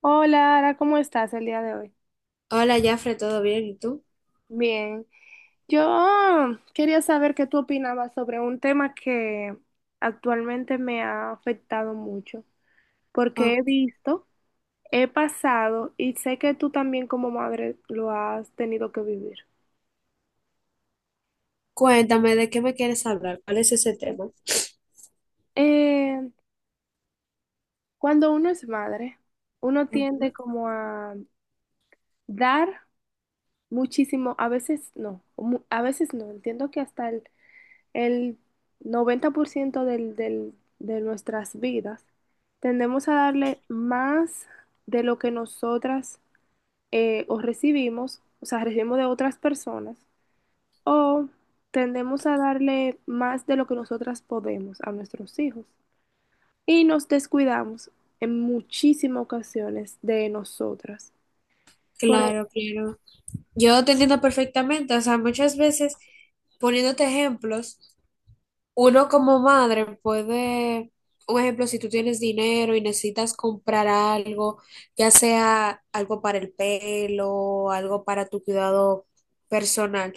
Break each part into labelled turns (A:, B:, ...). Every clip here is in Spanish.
A: Hola, Ara, ¿cómo estás el día de hoy?
B: Hola, Jafre, ¿todo bien? ¿Y tú?
A: Bien, yo quería saber qué tú opinabas sobre un tema que actualmente me ha afectado mucho, porque
B: Oh,
A: he visto, he pasado y sé que tú también como madre lo has tenido que vivir.
B: cuéntame, ¿de qué me quieres hablar? ¿Cuál es ese tema?
A: Eh, Cuando uno es madre, uno tiende
B: Ujú.
A: como a dar muchísimo, a veces no, a veces no, entiendo que hasta el 90% de nuestras vidas, tendemos a darle más de lo que nosotras o recibimos, o sea, recibimos de otras personas, o tendemos a darle más de lo que nosotras podemos a nuestros hijos. Y nos descuidamos en muchísimas ocasiones de nosotras. Por- e-,
B: Claro, claro. Yo te entiendo perfectamente. O sea, muchas veces, poniéndote ejemplos, uno como madre puede, un ejemplo, si tú tienes dinero y necesitas comprar algo, ya sea algo para el pelo, algo para tu cuidado personal,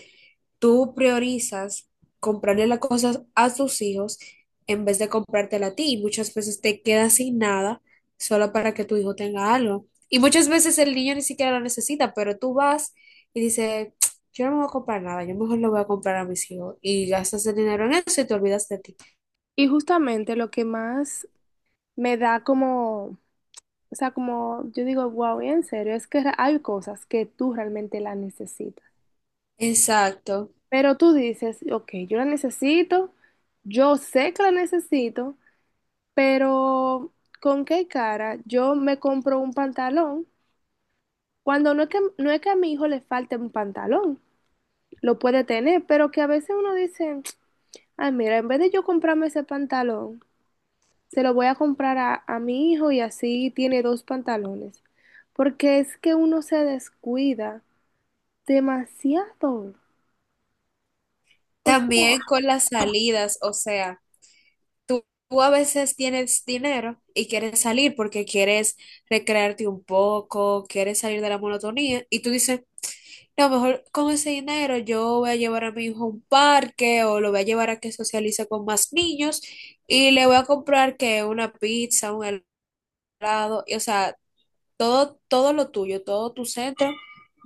B: tú priorizas comprarle las cosas a tus hijos en vez de comprártela a ti. Y muchas veces te quedas sin nada solo para que tu hijo tenga algo. Y muchas veces el niño ni siquiera lo necesita, pero tú vas y dices, yo no me voy a comprar nada, yo mejor lo voy a comprar a mis hijos. Y gastas el dinero en eso y te olvidas de ti.
A: y justamente lo que más me da como... O sea, como yo digo, wow, en serio, es que hay cosas que tú realmente las necesitas.
B: Exacto.
A: Pero tú dices, ok, yo la necesito, yo sé que la necesito, pero ¿con qué cara yo me compro un pantalón? Cuando no es que a mi hijo le falte un pantalón, lo puede tener, pero que a veces uno dice, ay, mira, en vez de yo comprarme ese pantalón, se lo voy a comprar a mi hijo y así tiene dos pantalones. Porque es que uno se descuida demasiado. O sea,
B: También con las salidas, o sea. Tú a veces tienes dinero y quieres salir porque quieres recrearte un poco, quieres salir de la monotonía y tú dices, no, mejor con ese dinero yo voy a llevar a mi hijo a un parque o lo voy a llevar a que socialice con más niños y le voy a comprar que una pizza, un helado, y, o sea, todo, todo lo tuyo, todo tu centro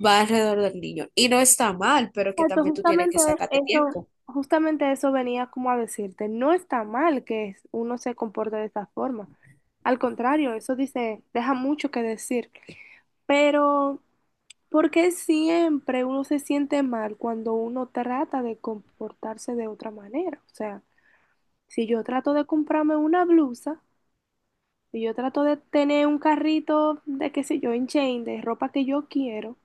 B: va alrededor del niño. Y no está mal, pero que
A: exacto,
B: también tú tienes que sacarte
A: eso,
B: tiempo.
A: justamente eso venía como a decirte, no está mal que uno se comporte de esa forma. Al contrario, eso dice, deja mucho que decir. Pero, ¿por qué siempre uno se siente mal cuando uno trata de comportarse de otra manera? O sea, si yo trato de comprarme una blusa, si yo trato de tener un carrito de qué sé yo, en chain, de ropa que yo quiero,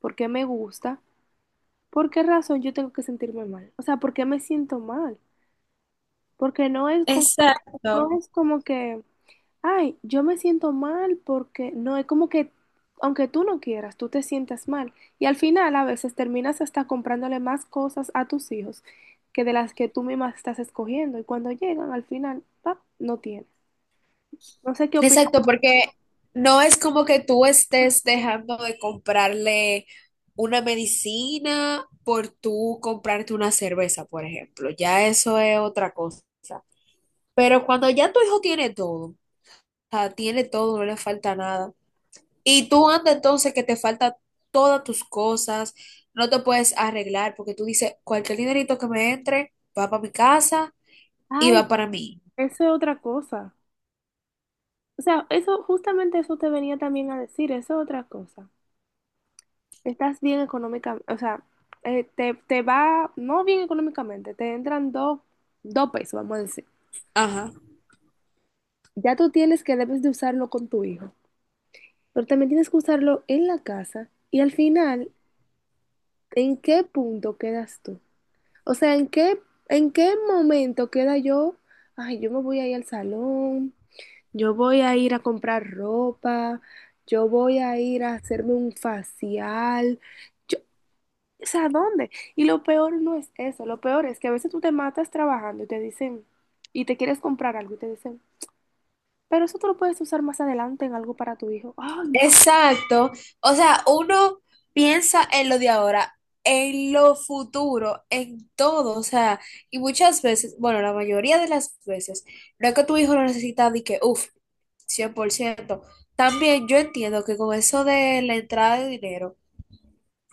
A: porque me gusta. ¿Por qué razón yo tengo que sentirme mal? O sea, ¿por qué me siento mal? Porque no es como,
B: Exacto.
A: no es como que, ay, yo me siento mal porque no es como que, aunque tú no quieras, tú te sientas mal. Y al final a veces terminas hasta comprándole más cosas a tus hijos que de las que tú misma estás escogiendo. Y cuando llegan, al final, pa, no tienes. No sé qué opinas.
B: Exacto, porque no es como que tú estés dejando de comprarle una medicina por tú comprarte una cerveza, por ejemplo. Ya eso es otra cosa. Pero cuando ya tu hijo tiene todo, o sea, tiene todo, no le falta nada. Y tú andas entonces que te falta todas tus cosas, no te puedes arreglar porque tú dices, cualquier dinerito que me entre va para mi casa y
A: Ay,
B: va para mí.
A: eso es otra cosa. O sea, eso justamente eso te venía también a decir, eso es otra cosa. Estás bien económicamente, o sea, te, te va, no bien económicamente, te entran dos pesos, vamos a decir.
B: Ajá.
A: Ya tú tienes que debes de usarlo con tu hijo, pero también tienes que usarlo en la casa y al final, ¿en qué punto quedas tú? O sea, en qué momento queda yo? Ay, yo me voy a ir al salón, yo voy a ir a comprar ropa, yo voy a ir a hacerme un facial. O sea, ¿dónde? Y lo peor no es eso, lo peor es que a veces tú te matas trabajando y te dicen, y te quieres comprar algo y te dicen, pero eso tú lo puedes usar más adelante en algo para tu hijo. Ay,
B: Exacto. O sea, uno piensa en lo de ahora, en lo futuro, en todo. O sea, y muchas veces, bueno, la mayoría de las veces, no es que tu hijo lo necesita de que, uff, 100%. También yo entiendo que con eso de la entrada de dinero,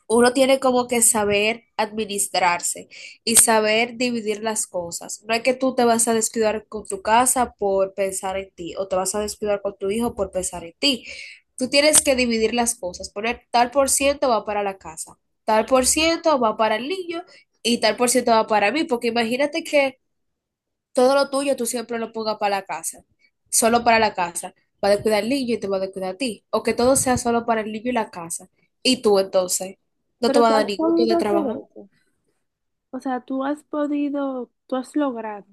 B: uno tiene como que saber administrarse y saber dividir las cosas. No es que tú te vas a descuidar con tu casa por pensar en ti o te vas a descuidar con tu hijo por pensar en ti. Tú tienes que dividir las cosas, poner tal por ciento va para la casa, tal por ciento va para el niño y tal por ciento va para mí, porque imagínate que todo lo tuyo tú siempre lo pongas para la casa, solo para la casa. Va a descuidar el niño y te va a descuidar a ti. O que todo sea solo para el niño y la casa. Y tú entonces, no te
A: pero
B: va a
A: tú has
B: dar ningún gusto de
A: podido hacer
B: trabajar.
A: eso. O sea, tú has podido, tú has logrado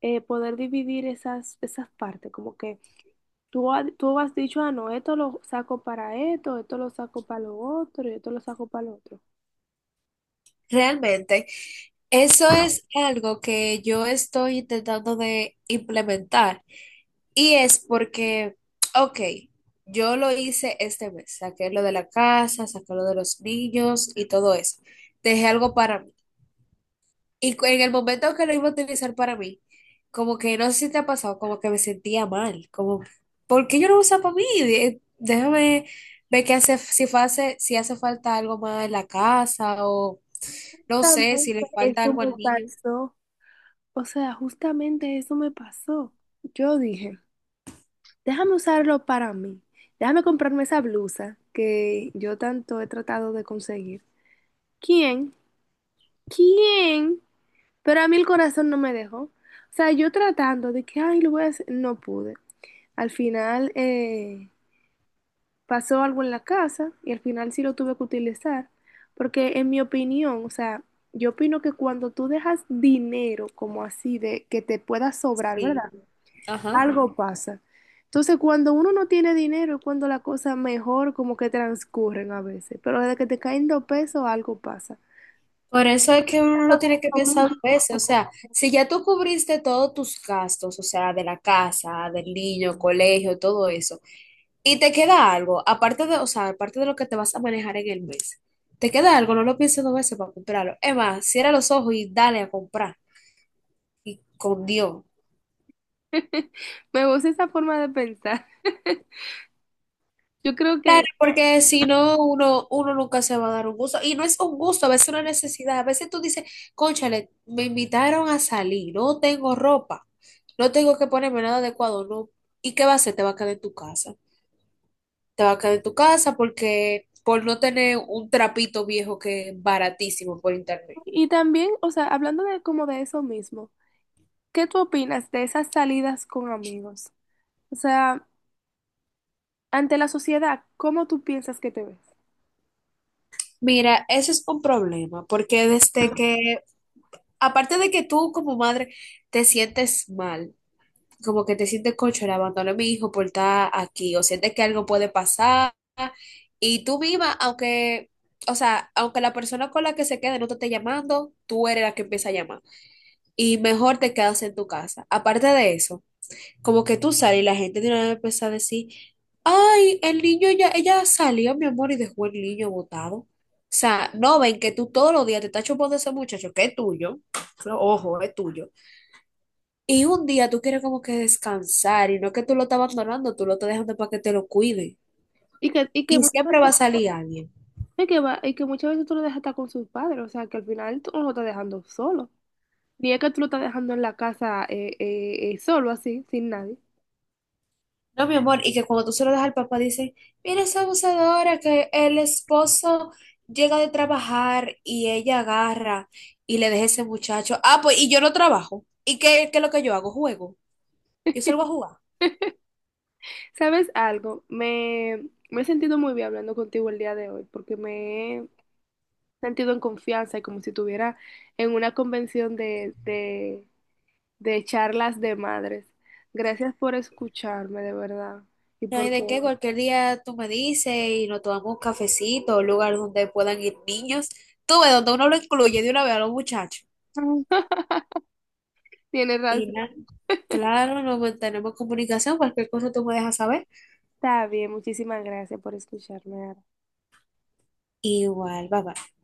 A: poder dividir esas partes, como que tú has dicho, ah, no, esto lo saco para esto, esto lo saco para lo otro y esto lo saco para lo otro.
B: Realmente, eso es algo que yo estoy intentando de implementar. Y es porque, ok, yo lo hice este mes. Saqué lo de la casa, saqué lo de los niños y todo eso. Dejé algo para mí. Y en el momento que lo iba a utilizar para mí, como que no sé si te ha pasado, como que me sentía mal, como, ¿por qué yo no lo uso para mí? Déjame ver qué hace, si hace falta algo más en la casa o no sé, si
A: Justamente
B: le falta
A: eso
B: algo al
A: me
B: niño.
A: pasó. O sea, justamente eso me pasó. Yo dije, déjame usarlo para mí. Déjame comprarme esa blusa que yo tanto he tratado de conseguir. ¿Quién? ¿Quién? Pero a mí el corazón no me dejó. O sea, yo tratando de que, ay, lo voy a hacer, no pude. Al final pasó algo en la casa y al final sí lo tuve que utilizar. Porque en mi opinión, o sea, yo opino que cuando tú dejas dinero como así de que te pueda sobrar,
B: Sí,
A: ¿verdad?
B: ajá.
A: Algo pasa. Entonces, cuando uno no tiene dinero es cuando las cosas mejor como que transcurren a veces, pero desde que te caen dos pesos, algo pasa.
B: Por eso es que uno lo tiene que pensar dos veces, o sea, si ya tú cubriste todos tus gastos, o sea, de la casa, del niño, colegio, todo eso. Y te queda algo, aparte de, o sea, aparte de lo que te vas a manejar en el mes, te queda algo, no lo pienses dos veces para comprarlo. Es más, cierra los ojos y dale a comprar. Y con Dios.
A: Me gusta esa forma de pensar. Yo creo que,
B: Claro, porque si no, uno nunca se va a dar un gusto. Y no es un gusto, a veces es una necesidad. A veces tú dices, cónchale, me invitaron a salir, no tengo ropa, no tengo que ponerme nada adecuado, no. ¿Y qué va a hacer? Te va a quedar en tu casa. Te va a quedar en tu casa porque por no tener un trapito viejo que es baratísimo por internet.
A: y también, o sea, hablando de como de eso mismo, ¿qué tú opinas de esas salidas con amigos? O sea, ante la sociedad, ¿cómo tú piensas que te ves?
B: Mira, eso es un problema, porque desde que, aparte de que tú como madre te sientes mal, como que te sientes concho, le abandoné a mi hijo por estar aquí, o sientes que algo puede pasar, y tú misma, aunque, o sea, aunque la persona con la que se quede no te esté llamando, tú eres la que empieza a llamar, y mejor te quedas en tu casa. Aparte de eso. Como que tú sales y la gente de una vez empieza a decir, ay, el niño ya, ella salió, mi amor, y dejó el niño botado. O sea, no ven que tú todos los días te estás chupando de ese muchacho que es tuyo, ojo, es tuyo. Y un día tú quieres como que descansar y no es que tú lo estás abandonando, tú lo estás dejando para que te lo cuide.
A: Y que
B: Y
A: muchas
B: siempre va
A: veces,
B: a salir alguien.
A: y que muchas veces tú lo dejas estar con sus padres, o sea, que al final tú no lo estás dejando solo. Ni es que tú lo estás dejando en la casa solo así, sin nadie.
B: No, mi amor, y que cuando tú se lo das al papá, dice, mira esa abusadora, que el esposo llega de trabajar y ella agarra y le deja ese muchacho. Ah, pues, y yo no trabajo. ¿Y qué es lo que yo hago? Juego. Yo salgo a jugar.
A: ¿Sabes algo? Me he sentido muy bien hablando contigo el día de hoy porque me he sentido en confianza y como si estuviera en una convención de charlas de madres. Gracias por escucharme, de verdad. Y
B: No hay
A: por...
B: de qué, cualquier día tú me dices y nos tomamos un cafecito, un lugar donde puedan ir niños. Tú ves, donde uno lo incluye de una vez a los muchachos.
A: Tienes
B: Y
A: razón.
B: nada, claro, nos mantenemos en comunicación, cualquier cosa tú me dejas saber.
A: Está bien, muchísimas gracias por escucharme.
B: Igual, bye bye.